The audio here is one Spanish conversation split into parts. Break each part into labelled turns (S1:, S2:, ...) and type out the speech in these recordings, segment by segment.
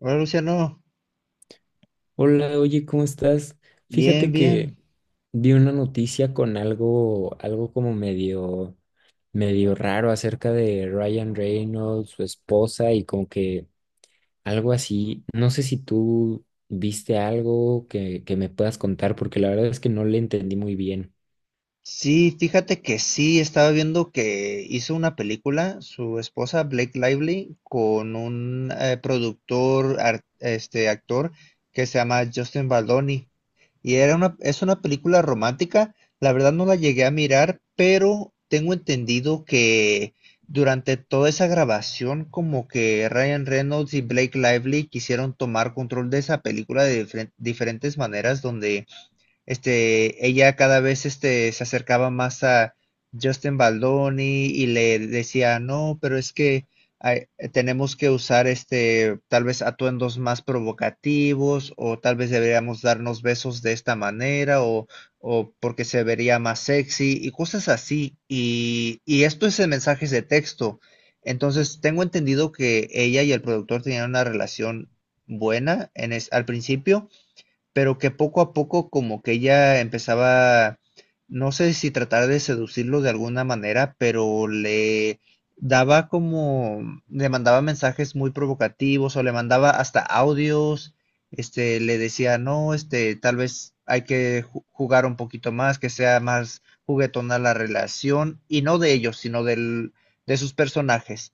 S1: Hola Luciano,
S2: Hola, oye, ¿cómo estás?
S1: bien,
S2: Fíjate que
S1: bien.
S2: vi una noticia con algo como medio raro acerca de Ryan Reynolds, su esposa y como que algo así. No sé si tú viste algo que me puedas contar, porque la verdad es que no le entendí muy bien.
S1: Sí, fíjate que sí, estaba viendo que hizo una película, su esposa Blake Lively, con un productor, este actor que se llama Justin Baldoni. Es una película romántica, la verdad no la llegué a mirar, pero tengo entendido que durante toda esa grabación como que Ryan Reynolds y Blake Lively quisieron tomar control de esa película de diferentes maneras donde ella cada vez se acercaba más a Justin Baldoni y le decía, no, pero es que hay- tenemos que usar tal vez atuendos más provocativos o tal vez deberíamos darnos besos de esta manera o porque se vería más sexy y cosas así. Y esto es en mensajes de texto. Entonces, tengo entendido que ella y el productor tenían una relación buena al principio, pero que poco a poco como que ella empezaba, no sé si tratar de seducirlo de alguna manera, pero le daba como, le mandaba mensajes muy provocativos o le mandaba hasta audios, le decía, no, tal vez hay que jugar un poquito más, que sea más juguetona la relación, y no de ellos, de sus personajes.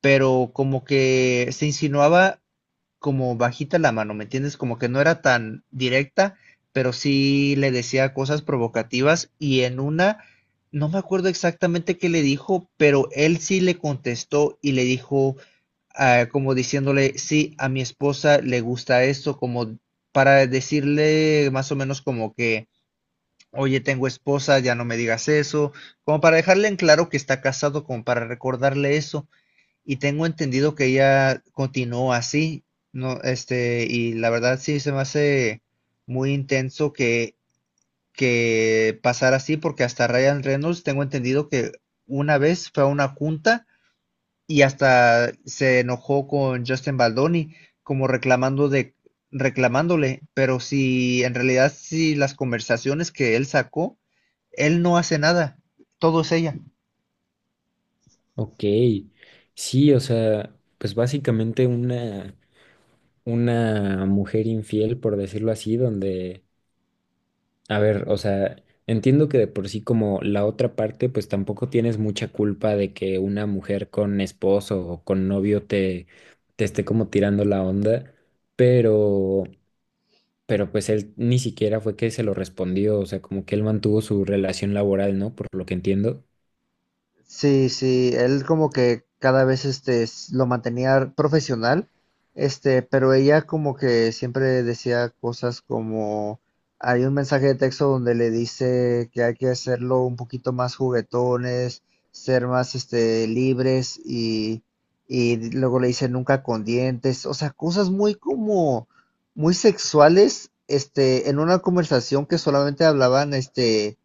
S1: Pero como que se insinuaba como bajita la mano, ¿me entiendes? Como que no era tan directa, pero sí le decía cosas provocativas y en una, no me acuerdo exactamente qué le dijo, pero él sí le contestó y le dijo, ah, como diciéndole, sí, a mi esposa le gusta esto, como para decirle más o menos como que, oye, tengo esposa, ya no me digas eso, como para dejarle en claro que está casado, como para recordarle eso y tengo entendido que ella continuó así, no, y la verdad sí se me hace muy intenso que pasara así, porque hasta Ryan Reynolds tengo entendido que una vez fue a una junta y hasta se enojó con Justin Baldoni, como reclamándole, pero si en realidad si las conversaciones que él sacó, él no hace nada, todo es ella.
S2: Ok, sí, o sea, pues básicamente una mujer infiel, por decirlo así, donde a ver, o sea, entiendo que de por sí como la otra parte, pues tampoco tienes mucha culpa de que una mujer con esposo o con novio te esté como tirando la onda, pero, pero pues él ni siquiera fue que se lo respondió, o sea, como que él mantuvo su relación laboral, ¿no? Por lo que entiendo.
S1: Sí, sí, él como que cada vez lo mantenía profesional, pero ella como que siempre decía cosas como hay un mensaje de texto donde le dice que hay que hacerlo un poquito más juguetones, ser más libres y luego le dice nunca con dientes, o sea, cosas muy como muy sexuales, en una conversación que solamente hablaban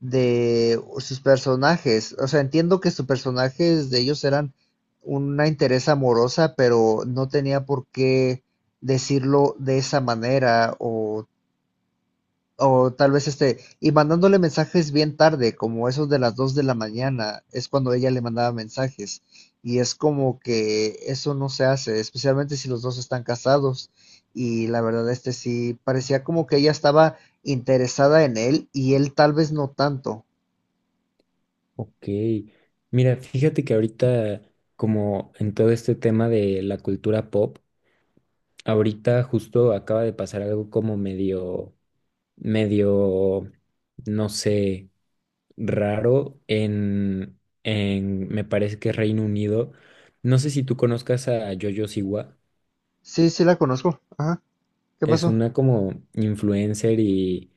S1: de sus personajes. O sea, entiendo que sus personajes de ellos eran una interés amorosa, pero no tenía por qué decirlo de esa manera o tal vez y mandándole mensajes bien tarde, como esos de las 2 de la mañana, es cuando ella le mandaba mensajes. Y es como que eso no se hace, especialmente si los dos están casados. Y la verdad, sí, parecía como que ella estaba interesada en él y él tal vez no tanto.
S2: Ok, mira, fíjate que ahorita, como en todo este tema de la cultura pop, ahorita justo acaba de pasar algo como medio, no sé, raro me parece que Reino Unido. No sé si tú conozcas a Jojo Siwa,
S1: Sí, sí la conozco. Ajá. ¿Qué
S2: es
S1: pasó?
S2: una como influencer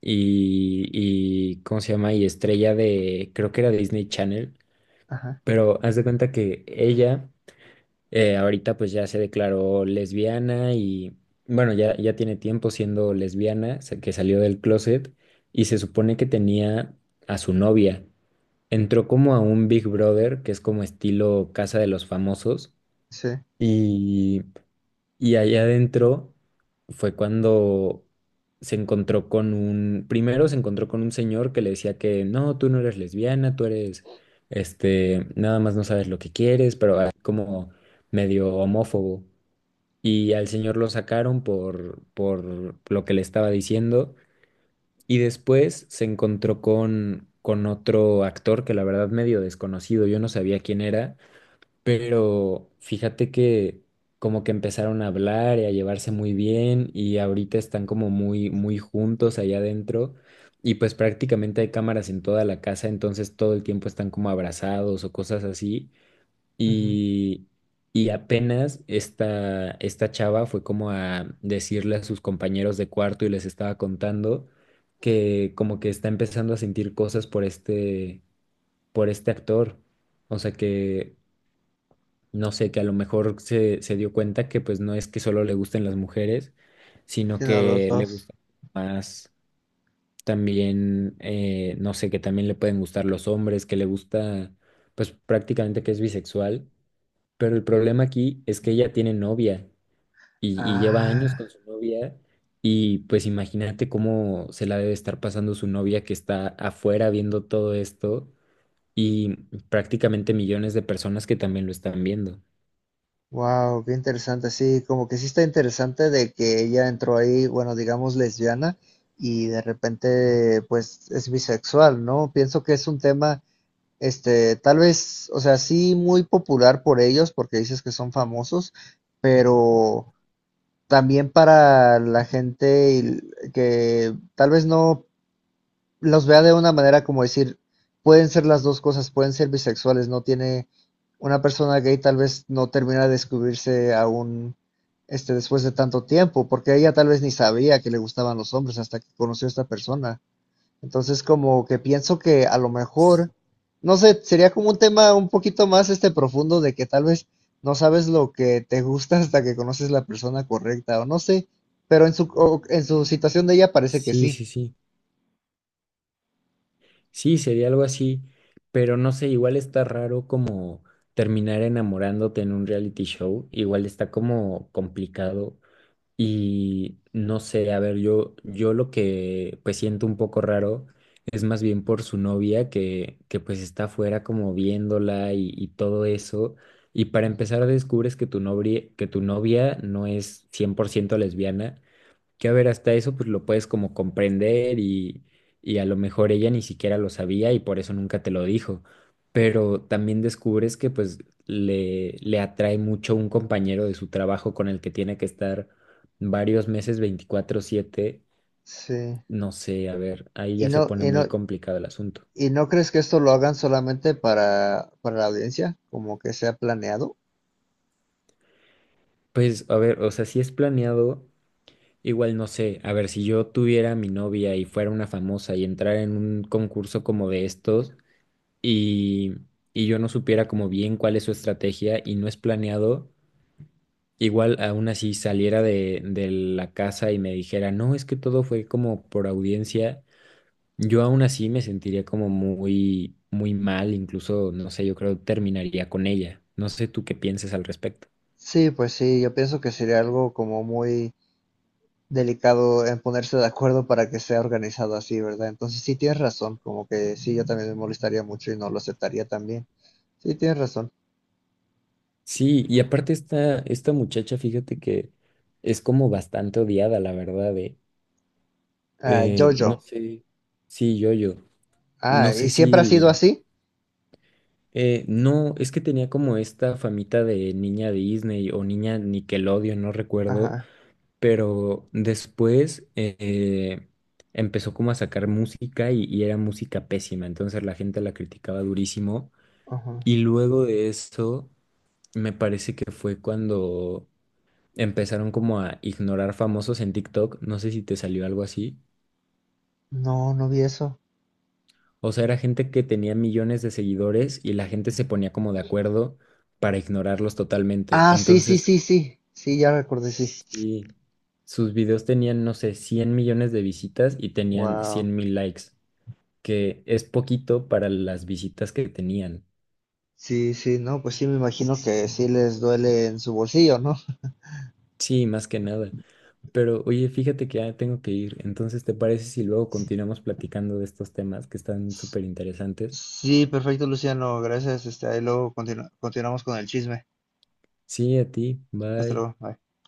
S2: y, ¿cómo se llama? Y estrella de, creo que era Disney Channel.
S1: Ajá.
S2: Pero haz de cuenta que ella ahorita pues ya se declaró lesbiana y bueno, ya tiene tiempo siendo lesbiana, que salió del closet y se supone que tenía a su novia. Entró como a un Big Brother, que es como estilo Casa de los Famosos,
S1: Sí.
S2: y allá adentro fue cuando se encontró con primero se encontró con un señor que le decía que no, tú no eres lesbiana, tú eres nada más no sabes lo que quieres, pero así como medio homófobo. Y al señor lo sacaron por lo que le estaba diciendo. Y después se encontró con otro actor que la verdad medio desconocido, yo no sabía quién era, pero fíjate que como que empezaron a hablar y a llevarse muy bien y ahorita están como muy, muy juntos allá adentro y pues prácticamente hay cámaras en toda la casa, entonces todo el tiempo están como abrazados o cosas así
S1: Ujú.
S2: y, y apenas esta chava fue como a decirle a sus compañeros de cuarto y les estaba contando que como que está empezando a sentir cosas por por este actor, o sea que no sé, que a lo mejor se dio cuenta que pues no es que solo le gusten las mujeres, sino
S1: Sí, no, los
S2: que le
S1: dos.
S2: gusta más también, no sé, que también le pueden gustar los hombres, que le gusta, pues prácticamente que es bisexual, pero el problema aquí es que ella tiene novia y lleva años
S1: Ah,
S2: con su novia y pues imagínate cómo se la debe estar pasando su novia que está afuera viendo todo esto. Y prácticamente millones de personas que también lo están viendo.
S1: wow, qué interesante. Sí, como que sí está interesante de que ella entró ahí, bueno, digamos lesbiana y de repente pues es bisexual, ¿no? Pienso que es un tema, tal vez, o sea, sí muy popular por ellos porque dices que son famosos, pero también para la gente que tal vez no los vea de una manera como decir, pueden ser las dos cosas, pueden ser bisexuales, no tiene, una persona gay tal vez no termina de descubrirse aún después de tanto tiempo, porque ella tal vez ni sabía que le gustaban los hombres hasta que conoció a esta persona. Entonces como que pienso que a lo
S2: Sí,
S1: mejor no sé, sería como un tema un poquito más profundo de que tal vez no sabes lo que te gusta hasta que conoces la persona correcta o no sé, pero en su en su situación de ella parece que
S2: sí,
S1: sí.
S2: sí. sí. Sí, sería algo así, pero no sé, igual está raro como terminar enamorándote en un reality show, igual está como complicado y no sé, a ver, yo lo que pues siento un poco raro es más bien por su novia que pues está afuera como viéndola y todo eso, y para empezar descubres que que tu novia no es 100% lesbiana. Que a ver, hasta eso pues lo puedes como comprender y a lo mejor ella ni siquiera lo sabía y por eso nunca te lo dijo. Pero también descubres que pues le atrae mucho un compañero de su trabajo con el que tiene que estar varios meses 24/7.
S1: Sí.
S2: No sé, a ver, ahí
S1: ¿Y
S2: ya se
S1: no,
S2: pone
S1: y
S2: muy
S1: no,
S2: complicado el asunto.
S1: y no crees que esto lo hagan solamente para la audiencia? ¿Como que sea planeado?
S2: Pues a ver, o sea, si es planeado, igual no sé, a ver, si yo tuviera a mi novia y fuera una famosa y entrara en un concurso como de estos. Y, y yo no supiera como bien cuál es su estrategia y no es planeado, igual aún así saliera de la casa y me dijera, no, es que todo fue como por audiencia, yo aún así me sentiría como muy, muy mal, incluso, no sé, yo creo terminaría con ella. No sé tú qué pienses al respecto.
S1: Sí, pues sí, yo pienso que sería algo como muy delicado en ponerse de acuerdo para que sea organizado así, ¿verdad? Entonces sí tienes razón, como que sí, yo también me molestaría mucho y no lo aceptaría también. Sí, tienes razón.
S2: Sí, y aparte esta muchacha, fíjate que es como bastante odiada, la verdad, eh.
S1: Ah,
S2: No
S1: Jojo.
S2: sé, sí, yo,
S1: Ah,
S2: no
S1: ¿y
S2: sé
S1: siempre ha sido
S2: si,
S1: así?
S2: No, es que tenía como esta famita de niña Disney o niña Nickelodeon, no recuerdo,
S1: Ajá,
S2: pero después empezó como a sacar música y era música pésima, entonces la gente la criticaba durísimo.
S1: ajá.
S2: Y luego de eso, me parece que fue cuando empezaron como a ignorar famosos en TikTok, no sé si te salió algo así.
S1: No, no vi eso.
S2: O sea, era gente que tenía millones de seguidores y la gente se ponía como de acuerdo para ignorarlos totalmente.
S1: Ah, sí, sí,
S2: Entonces,
S1: sí, sí. Sí, ya recordé, sí.
S2: sí, sus videos tenían, no sé, 100 millones de visitas y tenían
S1: Wow.
S2: 100 mil likes, que es poquito para las visitas que tenían.
S1: Sí, sí, no, pues sí, me imagino que sí les duele en su bolsillo, ¿no?
S2: Sí, más que nada. Pero oye, fíjate que ya tengo que ir. Entonces, ¿te parece si luego continuamos platicando de estos temas que están súper interesantes?
S1: Sí, perfecto, Luciano, gracias. Ahí luego continuamos con el chisme.
S2: Sí, a ti.
S1: Hasta
S2: Bye.
S1: luego, bye.